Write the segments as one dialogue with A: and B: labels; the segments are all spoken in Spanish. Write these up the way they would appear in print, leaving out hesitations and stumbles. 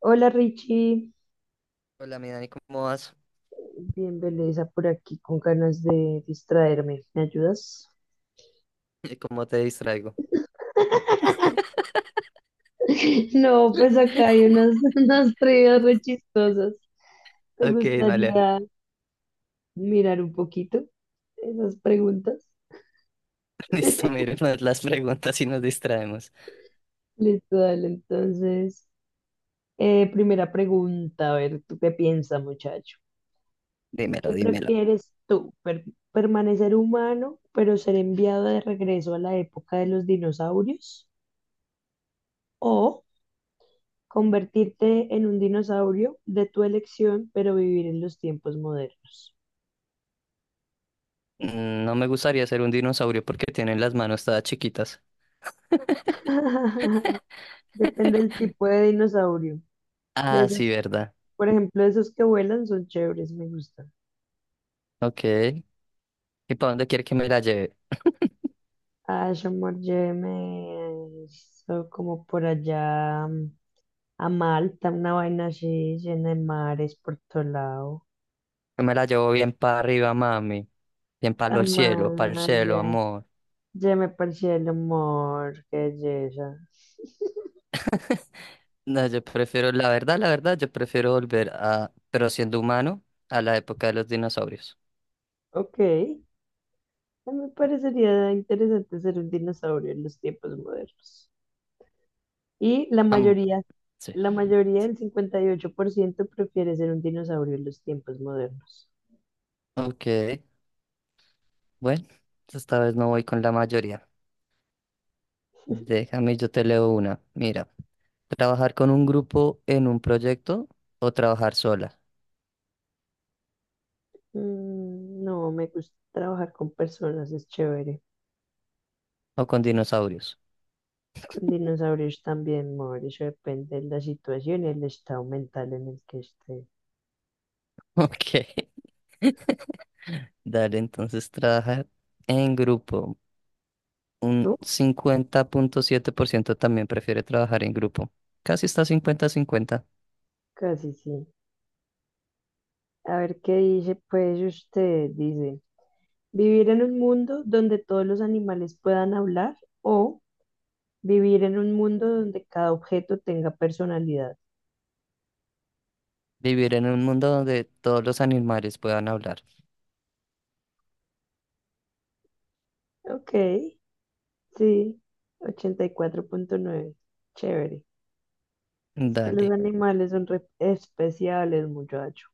A: Hola Richie,
B: Hola, mi Dani, ¿cómo vas?
A: bien belleza por aquí con ganas de distraerme. ¿Me ayudas?
B: ¿Cómo te distraigo?
A: No, pues acá hay unas, unas trivias re chistosas. ¿Te
B: Ok, vale.
A: gustaría mirar un poquito esas preguntas?
B: Listo, miremos las preguntas y nos distraemos.
A: Listo, dale. Entonces, primera pregunta, a ver, ¿tú qué piensas, muchacho?
B: Dímelo,
A: ¿Qué
B: dímelo.
A: prefieres tú? ¿Permanecer humano, pero ser enviado de regreso a la época de los dinosaurios? ¿O convertirte en un dinosaurio de tu elección, pero vivir en los tiempos modernos?
B: No me gustaría ser un dinosaurio porque tienen las manos todas chiquitas.
A: Depende del tipo de dinosaurio. De
B: Ah, sí,
A: esos,
B: verdad.
A: por ejemplo, esos que vuelan son chéveres, me gustan.
B: Ok. ¿Y para dónde quiere que me la lleve?
A: Ash, me hizo como por allá a Malta, una vaina así llena de mares por todo lado.
B: Yo me la llevo bien para arriba, mami. Bien para el cielo,
A: Amalia,
B: amor.
A: ya me parecía el humor, qué belleza.
B: No, yo prefiero, la verdad, yo prefiero volver a, pero siendo humano, a la época de los dinosaurios.
A: Ok, a mí me parecería interesante ser un dinosaurio en los tiempos modernos. Y la
B: Am-
A: mayoría,
B: sí.
A: la mayoría, el 58% prefiere ser un dinosaurio en los tiempos modernos.
B: Ok. Bueno, esta vez no voy con la mayoría. Déjame, yo te leo una. Mira, trabajar con un grupo en un proyecto o trabajar sola
A: Mm, no, me gusta trabajar con personas, es chévere.
B: o con dinosaurios.
A: Con dinosaurios también, amor, eso depende de la situación y el estado mental en el que esté.
B: Ok. Dale, entonces trabajar en grupo. Un
A: ¿Tú?
B: 50,7% también prefiere trabajar en grupo. Casi está 50-50.
A: Casi sí. A ver qué dice, pues usted dice, vivir en un mundo donde todos los animales puedan hablar o vivir en un mundo donde cada objeto tenga personalidad.
B: Vivir en un mundo donde todos los animales puedan hablar.
A: Ok, sí, 84,9. Chévere. Es que los
B: Dale.
A: animales son re- especiales, muchacho.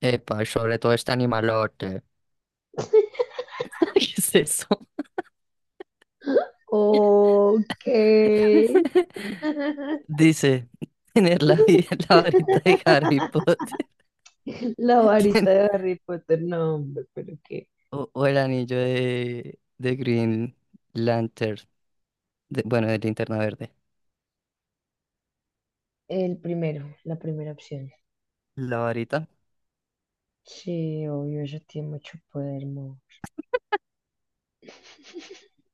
B: Epa, sobre todo este animalote. ¿Qué es eso?
A: Ok.
B: Dice, tener la varita de Harry Potter
A: La
B: ten-
A: varita de Harry Potter, no, hombre, pero qué.
B: o el anillo de Green Lantern, bueno, de Linterna Verde.
A: El primero, la primera opción.
B: La varita,
A: Sí, obvio, ella tiene mucho poder, mo.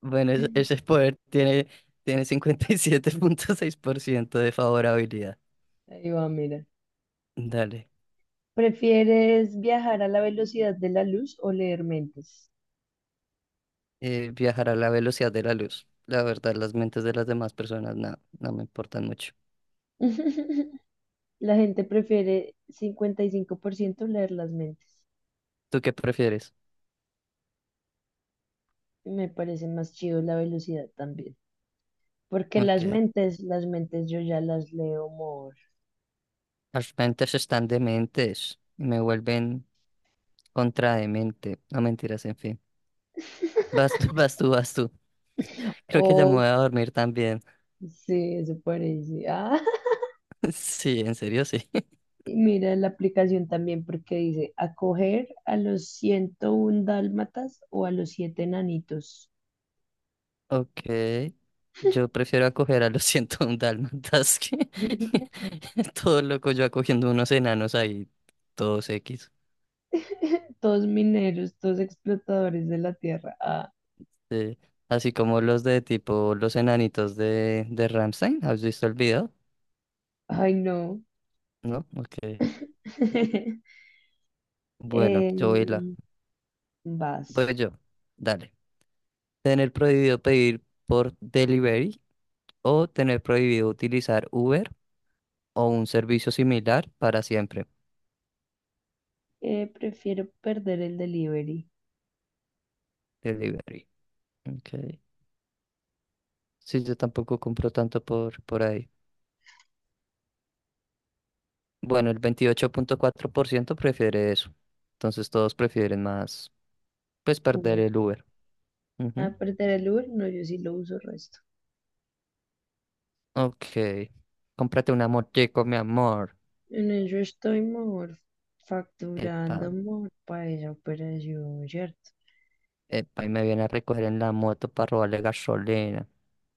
B: bueno, ese poder tiene 57,6% de favorabilidad.
A: Ahí va, mira.
B: Dale.
A: ¿Prefieres viajar a la velocidad de la luz o leer mentes?
B: Viajar a la velocidad de la luz. La verdad, las mentes de las demás personas no, no me importan mucho.
A: La gente prefiere 55% leer las mentes.
B: ¿Tú qué prefieres?
A: Me parece más chido la velocidad también. Porque las
B: Ok,
A: mentes, las mentes yo ya las leo more.
B: las mentes están dementes y me vuelven contra de mente. No mentiras, en fin. Vas tú, vas tú, vas tú. Creo que ya me
A: Oh,
B: voy a dormir también.
A: sí, eso parece. Ah,
B: Sí, en serio, sí.
A: y mira la aplicación también porque dice acoger a los 101 dálmatas o a los siete nanitos.
B: Ok. Yo prefiero acoger a los 101 dálmatas que todo loco yo acogiendo unos enanos ahí, todos X.
A: Todos mineros, todos explotadores de la tierra. Ah.
B: Sí. Así como los de tipo los enanitos de Rammstein. ¿Has visto el video?
A: Ay, no.
B: ¿No? Ok. Bueno, yo voy la.
A: Em, vas.
B: Voy yo. Dale. Tener prohibido pedir por delivery o tener prohibido utilizar Uber o un servicio similar para siempre,
A: Prefiero perder el delivery.
B: delivery. Okay. Sí, yo tampoco compro tanto por ahí. Bueno, el 28,4% prefiere eso. Entonces todos prefieren más, pues perder
A: Uber.
B: el Uber. Ujú.
A: Ah, perder el Uber, no, yo sí lo uso resto.
B: Ok. Cómprate una motico, mi amor.
A: En eso estoy mejor
B: Epa,
A: facturando mejor para esa operación, ¿cierto?
B: epa, y me viene a recoger en la moto para robarle gasolina.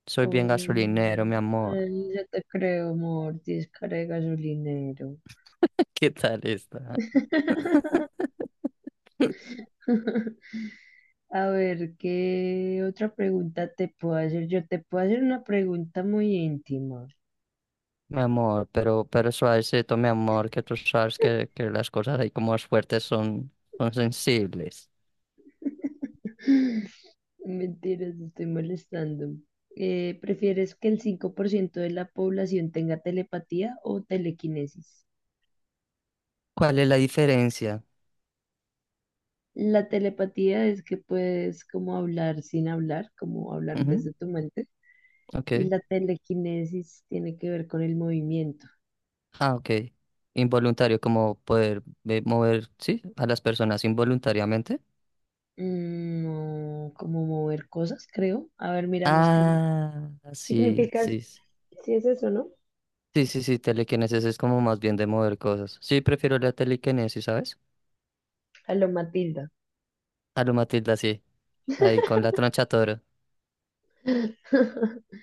B: Soy bien
A: Obvio,
B: gasolinero,
A: amor.
B: mi amor.
A: Ay, ya te creo, amor. 10 cara de gasolinero.
B: ¿Qué tal está?
A: A ver, ¿qué otra pregunta te puedo hacer? Yo te puedo hacer una pregunta muy íntima.
B: Mi amor, pero suavecito, mi amor, que, tú sabes que las cosas ahí como más fuertes son sensibles.
A: Mentiras, estoy molestando. ¿Prefieres que el 5% de la población tenga telepatía o telequinesis?
B: ¿Cuál es la diferencia?
A: La telepatía es que puedes como hablar sin hablar, como hablar
B: Ujú,
A: desde tu mente. Y
B: ok.
A: la telequinesis tiene que ver con el movimiento.
B: Ah, ok. Involuntario, como poder mover, sí, a las personas involuntariamente.
A: Mm, no, como mover cosas, creo. A ver, miramos qué
B: Ah, sí,
A: significa,
B: sí. Sí,
A: si es eso, ¿no?
B: sí, sí, sí, telequinesis es como más bien de mover cosas. Sí, prefiero la telequinesis, ¿sabes?
A: A lo Matilda.
B: A lo Matilda, sí. Ahí con la troncha toro.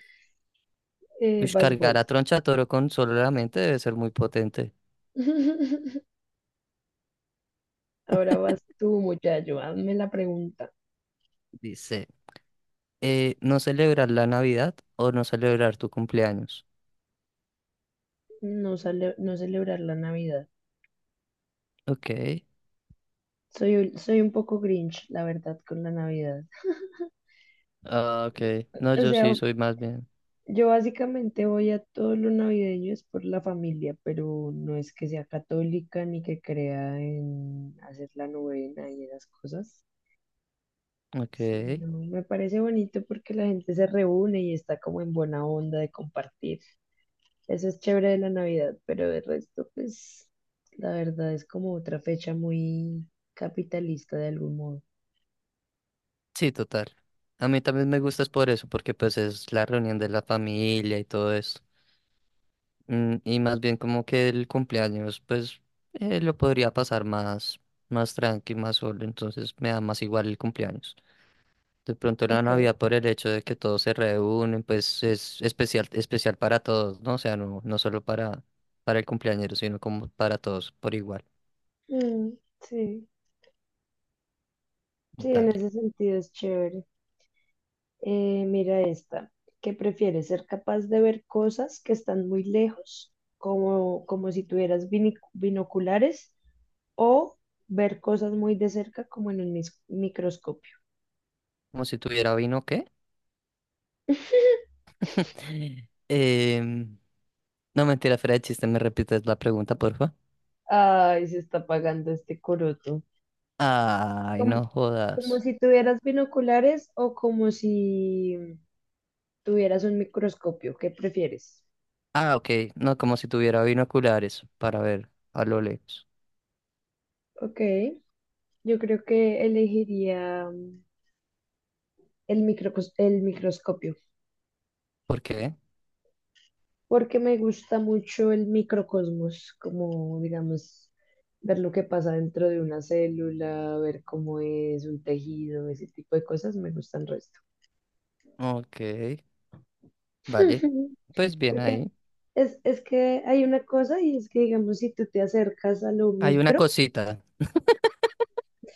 B: Ush,
A: Vas
B: cargar a
A: vos.
B: troncha toro con solo la mente debe ser muy potente.
A: Ahora vas tú, muchacho, hazme la pregunta.
B: Dice. No celebrar la Navidad o no celebrar tu cumpleaños.
A: No, no celebrar la Navidad.
B: Ok.
A: Soy, soy un poco Grinch, la verdad, con la Navidad.
B: Ah, ok. No,
A: O
B: yo
A: sea,
B: sí soy más bien.
A: yo básicamente voy a todo lo navideño es por la familia, pero no es que sea católica ni que crea en hacer la novena y esas cosas.
B: Ok.
A: Sí, no, me parece bonito porque la gente se reúne y está como en buena onda de compartir. Eso es chévere de la Navidad, pero de resto, pues, la verdad es como otra fecha muy capitalista de algún modo.
B: Sí, total. A mí también me gusta es por eso, porque pues es la reunión de la familia y todo eso. Y más bien como que el cumpleaños, pues lo podría pasar más tranqui, más solo. Entonces me da más igual el cumpleaños. De pronto la
A: Ok.
B: Navidad por el hecho de que todos se reúnen, pues es especial, especial para todos, ¿no? O sea, no, no solo para el cumpleañero, sino como para todos por igual.
A: Mm, sí, sí, en
B: Dale.
A: ese sentido es chévere. Mira esta. ¿Qué prefieres? ¿Ser capaz de ver cosas que están muy lejos, como, como si tuvieras binoculares, o ver cosas muy de cerca, como en un microscopio?
B: Como si tuviera vino, ¿qué? Em, no mentira, fuera de chiste, ¿me repites la pregunta, porfa?
A: Ay, se está apagando este coroto.
B: Ay,
A: Como,
B: no
A: como
B: jodas.
A: si tuvieras binoculares o como si tuvieras un microscopio, ¿qué prefieres?
B: Ah, ok. No, como si tuviera binoculares para ver a lo lejos.
A: Ok, yo creo que elegiría el el microscopio,
B: ¿Por qué?
A: porque me gusta mucho el microcosmos, como digamos, ver lo que pasa dentro de una célula, ver cómo es un tejido, ese tipo de cosas, me gustan resto.
B: Ok, vale. Pues bien
A: Porque
B: ahí.
A: es que hay una cosa y es que, digamos, si tú te acercas a lo
B: Hay una
A: micro.
B: cosita.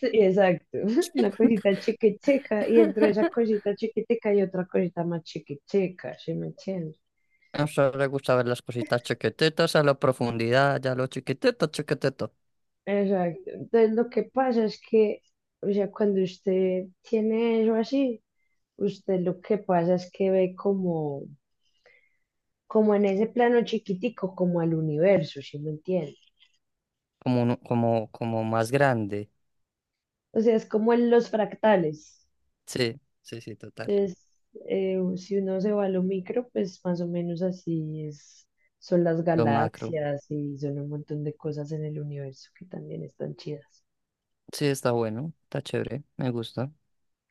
A: Sí, exacto, una cosita chiquitica y dentro de esa cosita chiquitica hay otra cosita más chiquitica, ¿sí me entiendes?
B: A usted le gusta ver las cositas chiquititas a la profundidad, ya lo chiquitito, chiquitito.
A: Exacto, entonces lo que pasa es que, o sea, cuando usted tiene eso así, usted lo que pasa es que ve como, como en ese plano chiquitico, como al universo, ¿sí me entiende?
B: Como, como, como más grande.
A: O sea, es como en los fractales.
B: Sí, sí, sí, total.
A: Es, si uno se va a lo micro, pues más o menos así es, son las
B: Lo macro.
A: galaxias y son un montón de cosas en el universo que también están chidas.
B: Sí, está bueno, está chévere, me gusta.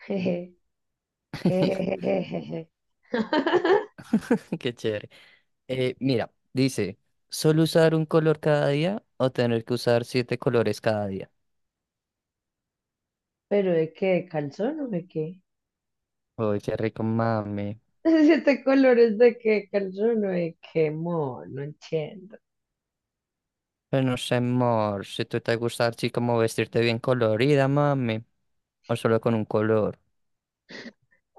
A: Jeje, jejejejeje.
B: Qué chévere. Mira, dice, ¿solo usar un color cada día o tener que usar siete colores cada día?
A: ¿Pero de qué? ¿De calzón o de qué?
B: Uy, qué rico, mami.
A: Siete colores de qué calzón o de qué amor, no entiendo.
B: Pero no sé, amor, si tú te gusta así como vestirte bien colorida, mami, o solo con un color.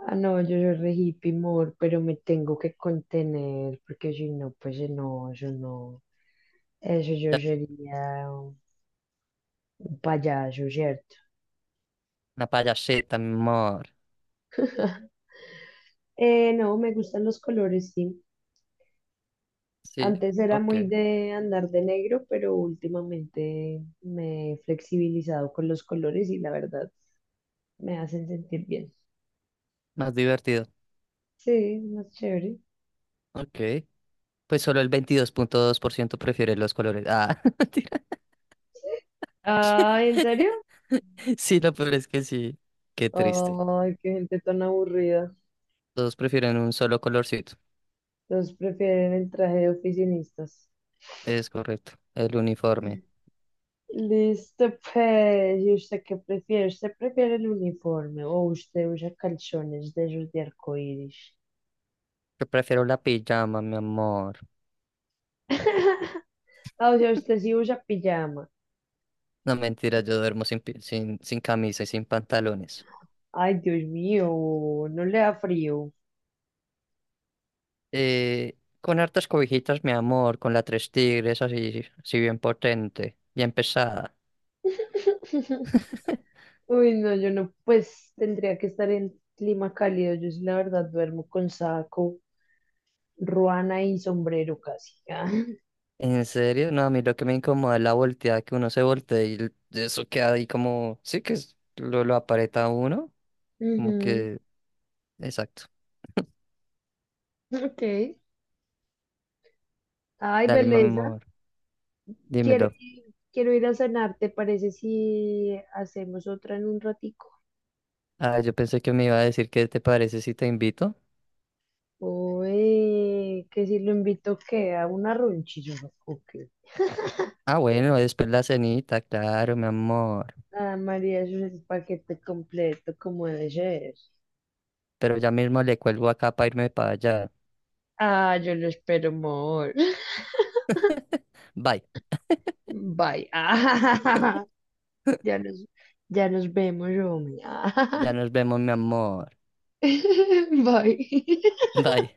A: Ah, no, yo soy re hippie, amor, pero me tengo que contener porque si no, pues no, yo no. Eso yo
B: La,
A: sería. Un payaso, ¿cierto?
B: una payaseta, mi amor.
A: No, me gustan los colores, sí.
B: Sí,
A: Antes era
B: ok,
A: muy de andar de negro, pero últimamente me he flexibilizado con los colores y la verdad me hacen sentir bien.
B: más divertido.
A: Sí, más chévere.
B: Ok, pues solo el 22,2% prefiere los colores. Ah, mentira.
A: Ay, ¿en serio?
B: Sí, lo peor es que sí. Qué triste.
A: Ay, qué gente tan aburrida.
B: Todos prefieren un solo colorcito.
A: Los prefieren el traje de oficinistas.
B: Es correcto, el uniforme.
A: Listo, pues, ¿y usted qué prefiere? ¿Usted prefiere el uniforme o usted usa calzones de esos de arcoíris?
B: Yo prefiero la pijama, mi amor.
A: Ah, o sea, usted sí usa pijama.
B: No, mentira, yo duermo sin camisa y sin pantalones.
A: Ay, Dios mío, no le da frío.
B: Eh, con hartas cobijitas, mi amor, con la tres tigres así, así bien potente, bien pesada.
A: Uy, no, yo no, pues tendría que estar en clima cálido. Yo sí, la verdad, duermo con saco, ruana y sombrero casi. Ah,
B: ¿En serio? No, a mí lo que me incomoda es la volteada, que uno se voltea y eso queda ahí como, sí que lo aparenta a uno, como
A: ujú,
B: que, exacto.
A: ok. Ay,
B: Dale, mi
A: belleza.
B: amor,
A: Quiero
B: dímelo.
A: ir, quiero ir a cenar, ¿te parece si hacemos otra en un ratico?
B: Ah, yo pensé que me iba a decir qué te parece si te invito.
A: Oye, que si lo invito que a una ronchilla o qué.
B: Ah, bueno, después la cenita, claro, mi amor.
A: Ah, María, eso es el paquete completo, como debe ser.
B: Pero ya mismo le cuelgo acá para irme para allá.
A: Ah, yo lo espero, amor.
B: Bye,
A: Bye. Ah, ya nos, ya nos vemos, Romy.
B: ya nos vemos, mi amor.
A: bye.
B: Bye.